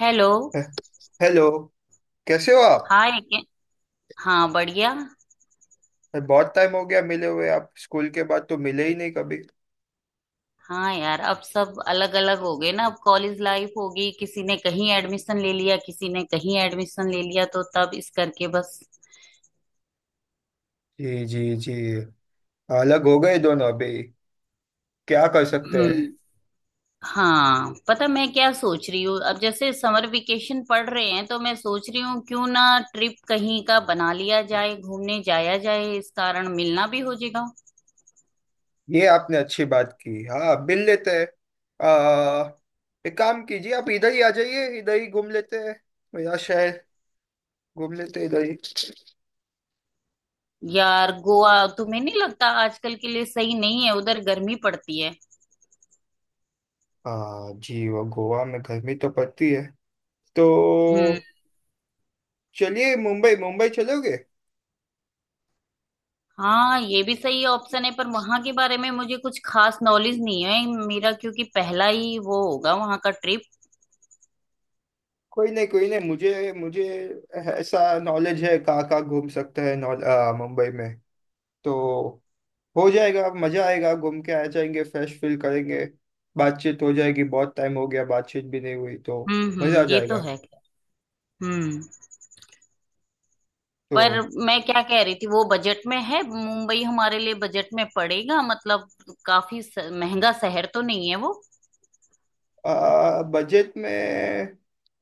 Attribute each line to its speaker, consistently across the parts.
Speaker 1: Hello.
Speaker 2: Hello. कैसे हो आप।
Speaker 1: हाय के- हाँ, बढ़िया।
Speaker 2: बहुत टाइम हो गया मिले हुए, आप स्कूल के बाद तो मिले ही नहीं कभी।
Speaker 1: हाँ यार, अब सब अलग अलग हो गए ना। अब कॉलेज लाइफ होगी, किसी ने कहीं एडमिशन ले लिया, किसी ने कहीं एडमिशन ले लिया, तो तब इस करके बस।
Speaker 2: जी जी जी। अलग हो गए दोनों अभी। क्या कर सकते हैं।
Speaker 1: हम्म। हाँ, पता मैं क्या सोच रही हूँ, अब जैसे समर वेकेशन पड़ रहे हैं तो मैं सोच रही हूँ क्यों ना ट्रिप कहीं का बना लिया जाए, घूमने जाया जाए, इस कारण मिलना भी हो जाएगा।
Speaker 2: ये आपने अच्छी बात की, हाँ मिल लेते हैं। एक काम कीजिए, आप इधर ही आ जाइए, इधर ही घूम लेते हैं। मेरा शहर घूम लेते हैं इधर ही।
Speaker 1: यार गोवा, तुम्हें नहीं लगता आजकल के लिए सही नहीं है, उधर गर्मी पड़ती है।
Speaker 2: हाँ जी, वो गोवा में गर्मी तो पड़ती है तो
Speaker 1: हम्म।
Speaker 2: चलिए मुंबई मुंबई चलोगे।
Speaker 1: हाँ ये भी सही ऑप्शन है, पर वहां के बारे में मुझे कुछ खास नॉलेज नहीं है मेरा, क्योंकि पहला ही वो होगा वहां का ट्रिप।
Speaker 2: कोई नहीं कोई नहीं, मुझे मुझे ऐसा नॉलेज है कहाँ कहाँ घूम सकते हैं मुंबई में तो। हो जाएगा, मजा आएगा, घूम के आ जाएंगे, फ्रेश फील करेंगे। बातचीत हो जाएगी, बहुत टाइम हो गया बातचीत भी नहीं हुई तो मजा आ
Speaker 1: हम्म, ये तो
Speaker 2: जाएगा।
Speaker 1: है। हम्म। पर
Speaker 2: तो
Speaker 1: मैं क्या कह रही थी, वो बजट में है मुंबई? हमारे लिए बजट में पड़ेगा मतलब? काफी महंगा शहर तो नहीं है वो?
Speaker 2: बजट में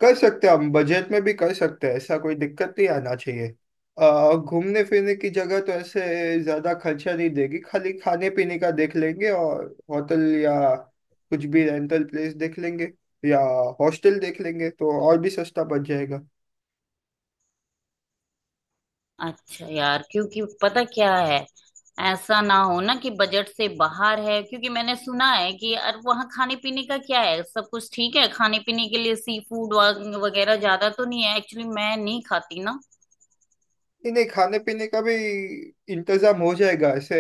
Speaker 2: कर सकते हैं, हम बजट में भी कर सकते हैं, ऐसा कोई दिक्कत नहीं आना चाहिए। घूमने फिरने की जगह तो ऐसे ज्यादा खर्चा नहीं देगी, खाली खाने पीने का देख लेंगे, और होटल या कुछ भी रेंटल प्लेस देख लेंगे या हॉस्टल देख लेंगे, तो और भी सस्ता बच जाएगा।
Speaker 1: अच्छा यार, क्योंकि पता क्या है, ऐसा ना हो ना कि बजट से बाहर है। क्योंकि मैंने सुना है कि यार वहाँ खाने पीने का क्या है, सब कुछ ठीक है खाने पीने के लिए? सी फूड वगैरह ज्यादा तो नहीं है, एक्चुअली मैं नहीं खाती ना।
Speaker 2: नहीं नहीं, खाने पीने का भी इंतजाम हो जाएगा ऐसे।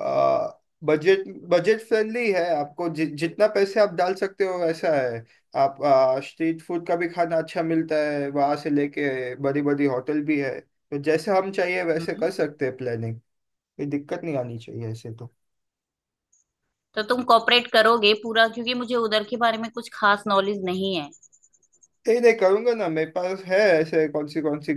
Speaker 2: आ, बजट बजट फ्रेंडली है, आपको जितना पैसे आप डाल सकते हो वैसा है। आप स्ट्रीट फूड का भी खाना अच्छा मिलता है वहां से लेके, बड़ी बड़ी होटल भी है, तो जैसे हम चाहिए वैसे
Speaker 1: हम्म।
Speaker 2: कर सकते हैं प्लानिंग। कोई दिक्कत नहीं आनी चाहिए ऐसे तो।
Speaker 1: तो तुम कॉपरेट करोगे पूरा, क्योंकि मुझे उधर के बारे में कुछ खास नॉलेज नहीं है।
Speaker 2: नहीं नहीं करूंगा ना, मेरे पास है ऐसे कौन सी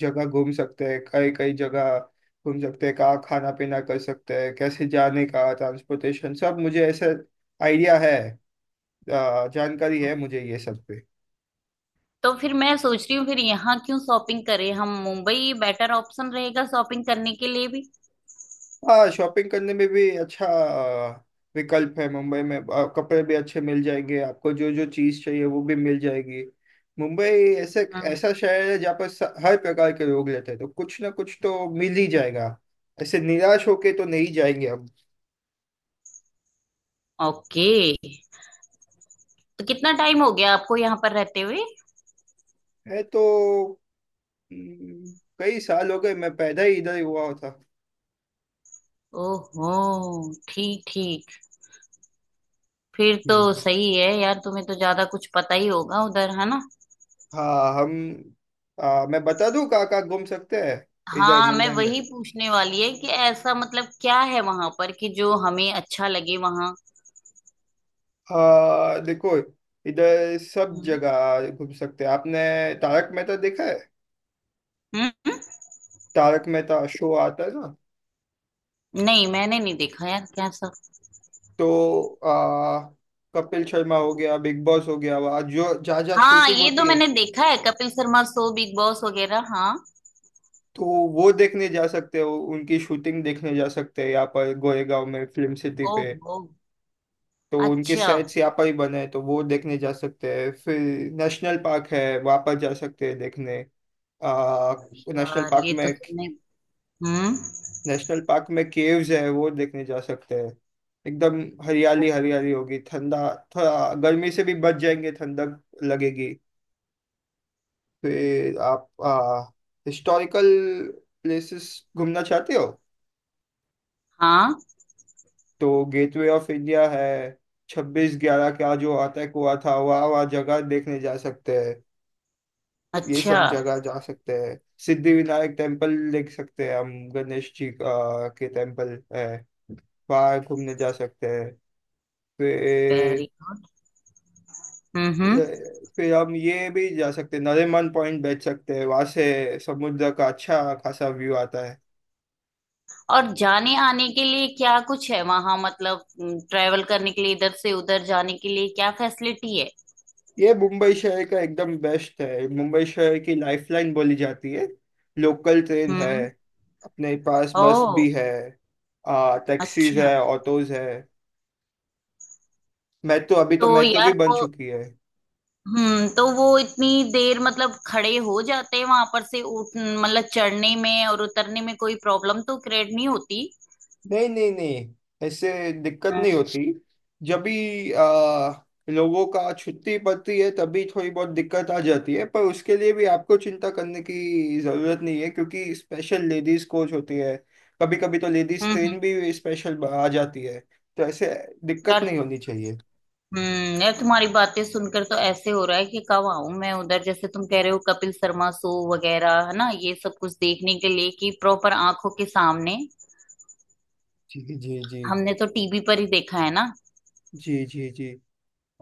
Speaker 2: जगह घूम सकते हैं, कई कई जगह घूम सकते हैं, कहाँ खाना पीना कर सकते हैं, कैसे जाने का ट्रांसपोर्टेशन, सब मुझे ऐसा आइडिया है, जानकारी है मुझे ये सब पे।
Speaker 1: तो फिर मैं सोच रही हूँ, फिर यहाँ क्यों शॉपिंग करें हम, मुंबई बेटर ऑप्शन रहेगा शॉपिंग करने के लिए भी।
Speaker 2: हाँ शॉपिंग करने में भी अच्छा विकल्प है मुंबई में, कपड़े भी अच्छे मिल जाएंगे आपको, जो जो चीज़ चाहिए वो भी मिल जाएगी। मुंबई ऐसे
Speaker 1: हम्म।
Speaker 2: ऐसा शहर है जहाँ पर हर प्रकार के लोग रहते हैं, तो कुछ ना कुछ तो मिल ही जाएगा, ऐसे निराश होके तो नहीं जाएंगे हम।
Speaker 1: ओके। तो कितना टाइम हो गया आपको यहाँ पर रहते हुए?
Speaker 2: है तो। हम्म, कई साल हो गए, मैं पैदा ही इधर ही हुआ था।
Speaker 1: ओहो, ठीक ठीक। फिर तो
Speaker 2: जी जी।
Speaker 1: सही है यार, तुम्हें तो ज्यादा कुछ पता ही होगा उधर, है ना?
Speaker 2: हाँ हम। मैं बता दूँ कहाँ कहाँ घूम सकते हैं। इधर
Speaker 1: हाँ, मैं
Speaker 2: मुंबई में
Speaker 1: वही पूछने वाली है कि ऐसा मतलब क्या है वहां पर कि जो हमें अच्छा लगे वहां।
Speaker 2: देखो, इधर सब
Speaker 1: हम्म
Speaker 2: जगह घूम सकते हैं आपने। तारक मेहता देखा है,
Speaker 1: हम्म? हम्म।
Speaker 2: तारक मेहता शो आता है ना।
Speaker 1: नहीं, मैंने नहीं देखा यार, क्या सब।
Speaker 2: तो आ, कपिल शर्मा हो गया, बिग बॉस हो गया, वहाँ जो जहाँ जहाँ
Speaker 1: हाँ
Speaker 2: शूटिंग
Speaker 1: ये तो
Speaker 2: होती है।
Speaker 1: मैंने देखा है, Kapil Sharma show, Bigg Boss वगैरह, हाँ।
Speaker 2: तो वो देखने जा सकते हो, उनकी शूटिंग देखने जा सकते हैं, यहाँ पर गोरेगांव में फिल्म सिटी पे।
Speaker 1: ओहो।
Speaker 2: तो उनके
Speaker 1: अच्छा।
Speaker 2: सेट्स यहाँ पर ही बने हैं, तो वो देखने जा सकते हैं फिर। नेशनल पार्क है, वहाँ पर जा सकते हैं देखने। आ, नेशनल
Speaker 1: यार
Speaker 2: पार्क
Speaker 1: ये
Speaker 2: में,
Speaker 1: तो तुमने। हम्म।
Speaker 2: नेशनल पार्क में केव्स है, वो देखने जा सकते हैं। एकदम हरियाली हरियाली होगी, ठंडा, थोड़ा गर्मी से भी बच जाएंगे, ठंडक लगेगी। फिर आप हिस्टोरिकल प्लेसेस घूमना चाहते हो
Speaker 1: हाँ।
Speaker 2: तो गेटवे ऑफ इंडिया है। 26/11 का जो अटैक हुआ था, वह जगह देखने जा सकते हैं। ये
Speaker 1: अच्छा।
Speaker 2: सब जगह जा सकते हैं। सिद्धिविनायक टेम्पल देख सकते हैं हम, गणेश जी का के टेम्पल है, वहाँ घूमने जा सकते हैं
Speaker 1: वेरी।
Speaker 2: फिर।
Speaker 1: हम्म।
Speaker 2: फिर हम ये भी जा सकते हैं, नरीमन पॉइंट बैठ सकते हैं, वहां से समुद्र का अच्छा खासा व्यू आता है।
Speaker 1: और जाने आने के लिए क्या कुछ है वहां, मतलब ट्रेवल करने के लिए इधर से उधर जाने के लिए क्या फैसिलिटी है?
Speaker 2: ये मुंबई शहर का एकदम बेस्ट है, मुंबई शहर की लाइफलाइन बोली जाती है, लोकल ट्रेन है।
Speaker 1: हम्म।
Speaker 2: अपने पास बस
Speaker 1: ओ।
Speaker 2: भी है, आ टैक्सीज
Speaker 1: अच्छा।
Speaker 2: है, ऑटोज है। मेट्रो, अभी तो
Speaker 1: तो
Speaker 2: मेट्रो भी
Speaker 1: यार
Speaker 2: बन
Speaker 1: वो।
Speaker 2: चुकी है।
Speaker 1: हम्म, तो वो इतनी देर मतलब खड़े हो जाते हैं वहां पर से, उठ मतलब चढ़ने में और उतरने में कोई प्रॉब्लम तो क्रिएट नहीं होती?
Speaker 2: नहीं नहीं नहीं, ऐसे दिक्कत
Speaker 1: हम्म
Speaker 2: नहीं होती। जब भी लोगों का छुट्टी पड़ती है तभी थोड़ी बहुत दिक्कत आ जाती है, पर उसके लिए भी आपको चिंता करने की जरूरत नहीं है, क्योंकि स्पेशल लेडीज कोच होती है। कभी कभी तो लेडीज ट्रेन
Speaker 1: हम्म।
Speaker 2: भी स्पेशल आ जाती है, तो ऐसे दिक्कत
Speaker 1: यार,
Speaker 2: नहीं होनी चाहिए।
Speaker 1: हम्म, यार तुम्हारी बातें सुनकर तो ऐसे हो रहा है कि कब आऊं मैं उधर, जैसे तुम कह रहे हो कपिल शर्मा शो वगैरह है ना, ये सब कुछ देखने के लिए कि प्रॉपर आंखों के सामने।
Speaker 2: जी जी जी।
Speaker 1: हमने तो टीवी पर ही देखा है ना।
Speaker 2: जी जी जी।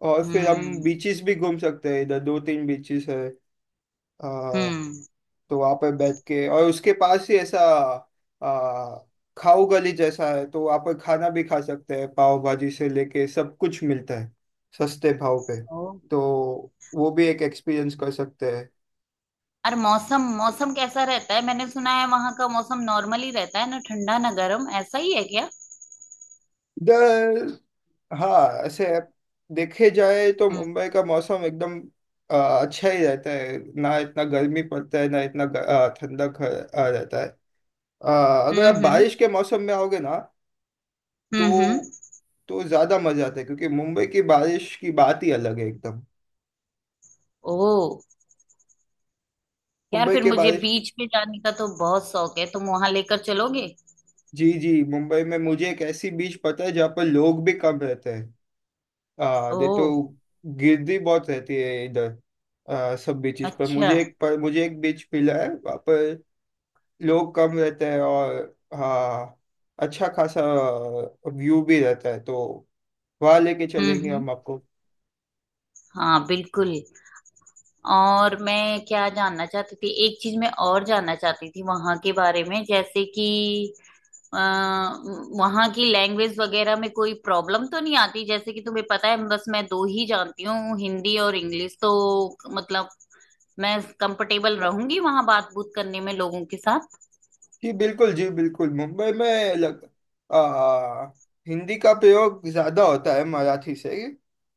Speaker 2: और फिर हम
Speaker 1: हम्म
Speaker 2: बीचेस भी घूम सकते हैं, इधर दो तीन बीचेस है।
Speaker 1: हम्म।
Speaker 2: तो वहां पे बैठ के, और उसके पास ही ऐसा आ, खाओ गली जैसा है, तो वहां पर खाना भी खा सकते हैं, पाव भाजी से लेके सब कुछ मिलता है सस्ते भाव पे।
Speaker 1: ओ।
Speaker 2: तो वो भी एक एक्सपीरियंस कर सकते हैं।
Speaker 1: और मौसम मौसम कैसा रहता है, मैंने सुना है वहां का मौसम नॉर्मल ही रहता है ना, ठंडा ना गर्म, ऐसा ही है क्या?
Speaker 2: इधर हाँ ऐसे देखे जाए तो
Speaker 1: हम्म
Speaker 2: मुंबई का मौसम एकदम आ, अच्छा ही रहता है, ना इतना गर्मी पड़ता है ना इतना ठंडक रहता है। अगर
Speaker 1: हम्म।
Speaker 2: आप बारिश के मौसम में आओगे ना
Speaker 1: हम्म हम्म।
Speaker 2: तो तो ज्यादा मजा आता है, क्योंकि मुंबई की बारिश की बात ही अलग है एकदम।
Speaker 1: ओ। यार
Speaker 2: मुंबई
Speaker 1: फिर
Speaker 2: की
Speaker 1: मुझे
Speaker 2: बारिश।
Speaker 1: बीच पे जाने का तो बहुत शौक है, तुम वहां लेकर चलोगे?
Speaker 2: जी जी, मुंबई में मुझे एक ऐसी बीच पता है जहाँ पर लोग भी कम रहते हैं। आ दे तो
Speaker 1: ओ।
Speaker 2: गिरदी बहुत रहती है इधर सब बीचेस पर
Speaker 1: अच्छा।
Speaker 2: मुझे एक बीच मिला है वहाँ पर, लोग कम रहते हैं, और हाँ अच्छा खासा व्यू भी रहता है, तो वहाँ लेके चलेंगे
Speaker 1: हम्म।
Speaker 2: हम आपको।
Speaker 1: हाँ बिल्कुल। और मैं क्या जानना चाहती थी, एक चीज मैं और जानना चाहती थी वहां के बारे में, जैसे कि अ, वहाँ की लैंग्वेज वगैरह में कोई प्रॉब्लम तो नहीं आती? जैसे कि तुम्हें पता है बस मैं दो ही जानती हूँ, हिंदी और इंग्लिश। तो मतलब मैं कंफर्टेबल रहूंगी वहाँ बात बूत करने में लोगों के साथ?
Speaker 2: जी बिल्कुल, जी बिल्कुल। मुंबई में आ, हिंदी का प्रयोग ज्यादा होता है मराठी से।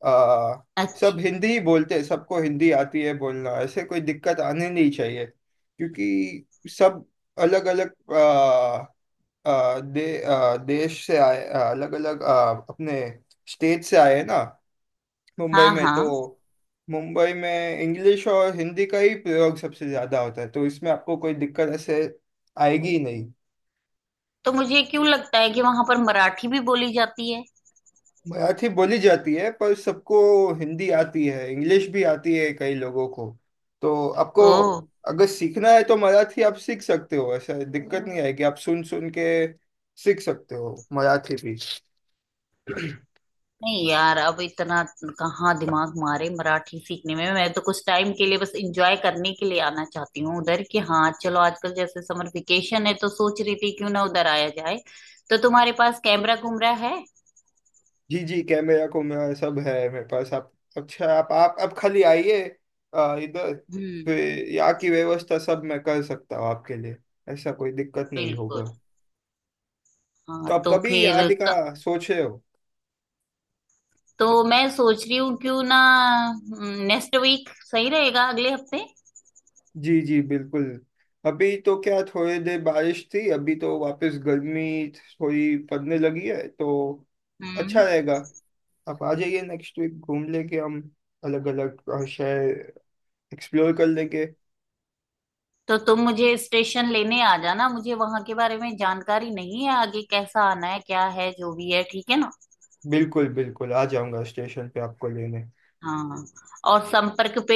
Speaker 2: आ, सब
Speaker 1: अच्छा।
Speaker 2: हिंदी ही बोलते हैं, सबको हिंदी आती है बोलना, ऐसे कोई दिक्कत आनी नहीं चाहिए, क्योंकि सब अलग अलग आ, आ, दे, आ, देश से आए, अलग अलग अपने स्टेट से आए हैं ना, मुंबई
Speaker 1: हाँ
Speaker 2: में तो।
Speaker 1: हाँ।
Speaker 2: मुंबई में इंग्लिश और हिंदी का ही प्रयोग सबसे ज्यादा होता है, तो इसमें आपको कोई दिक्कत ऐसे आएगी ही नहीं।
Speaker 1: तो मुझे क्यों लगता है कि वहां पर मराठी भी बोली जाती है?
Speaker 2: मराठी बोली जाती है पर सबको हिंदी आती है, इंग्लिश भी आती है कई लोगों को। तो आपको
Speaker 1: ओ।
Speaker 2: अगर सीखना है तो मराठी आप सीख सकते हो, ऐसा दिक्कत नहीं आएगी, आप सुन सुन के सीख सकते हो मराठी भी।
Speaker 1: नहीं यार, अब इतना कहाँ दिमाग मारे मराठी सीखने में, मैं तो कुछ टाइम के लिए बस एंजॉय करने के लिए आना चाहती हूँ उधर, कि हाँ चलो, आजकल जैसे समर वेकेशन है तो सोच रही थी क्यों ना उधर आया जाए। तो तुम्हारे पास कैमरा कुमरा है?
Speaker 2: जी जी, कैमरा को मेरा सब है मेरे पास, आप। अच्छा, आप आप खाली आइए इधर। फिर
Speaker 1: हम्म।
Speaker 2: यहाँ की व्यवस्था सब मैं कर सकता हूँ आपके लिए, ऐसा कोई दिक्कत नहीं होगा।
Speaker 1: बिल्कुल। हाँ
Speaker 2: तो आप
Speaker 1: तो
Speaker 2: कभी
Speaker 1: फिर
Speaker 2: आने का सोच रहे हो।
Speaker 1: तो मैं सोच रही हूँ क्यों ना नेक्स्ट वीक सही रहेगा, अगले हफ्ते।
Speaker 2: जी जी बिल्कुल। अभी तो क्या थोड़ी देर बारिश थी, अभी तो वापस गर्मी थोड़ी पड़ने लगी है तो अच्छा
Speaker 1: हम्म।
Speaker 2: रहेगा। आप आ जाइए नेक्स्ट वीक, घूम लेंगे हम, अलग अलग शहर एक्सप्लोर कर लेंगे।
Speaker 1: तो तुम मुझे स्टेशन लेने आ जाना, मुझे वहां के बारे में जानकारी नहीं है आगे कैसा आना है क्या है जो भी है, ठीक है ना?
Speaker 2: बिल्कुल बिल्कुल, आ जाऊंगा स्टेशन पे आपको लेने।
Speaker 1: हाँ। और संपर्क पे,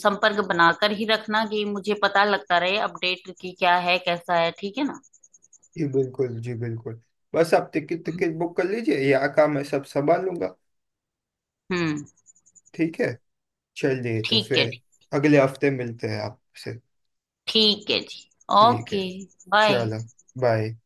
Speaker 1: संपर्क बनाकर ही रखना कि मुझे पता लगता रहे अपडेट की क्या है कैसा है, ठीक है ना?
Speaker 2: जी बिल्कुल, जी बिल्कुल। बस आप टिकट टिकट बुक कर लीजिए, यहाँ का मैं सब संभाल लूंगा।
Speaker 1: हम्म।
Speaker 2: ठीक है, चलिए तो
Speaker 1: ठीक है।
Speaker 2: फिर। अगले हफ्ते मिलते हैं आपसे।
Speaker 1: ठीक है जी।
Speaker 2: ठीक है।
Speaker 1: ओके। बाय।
Speaker 2: चलो बाय।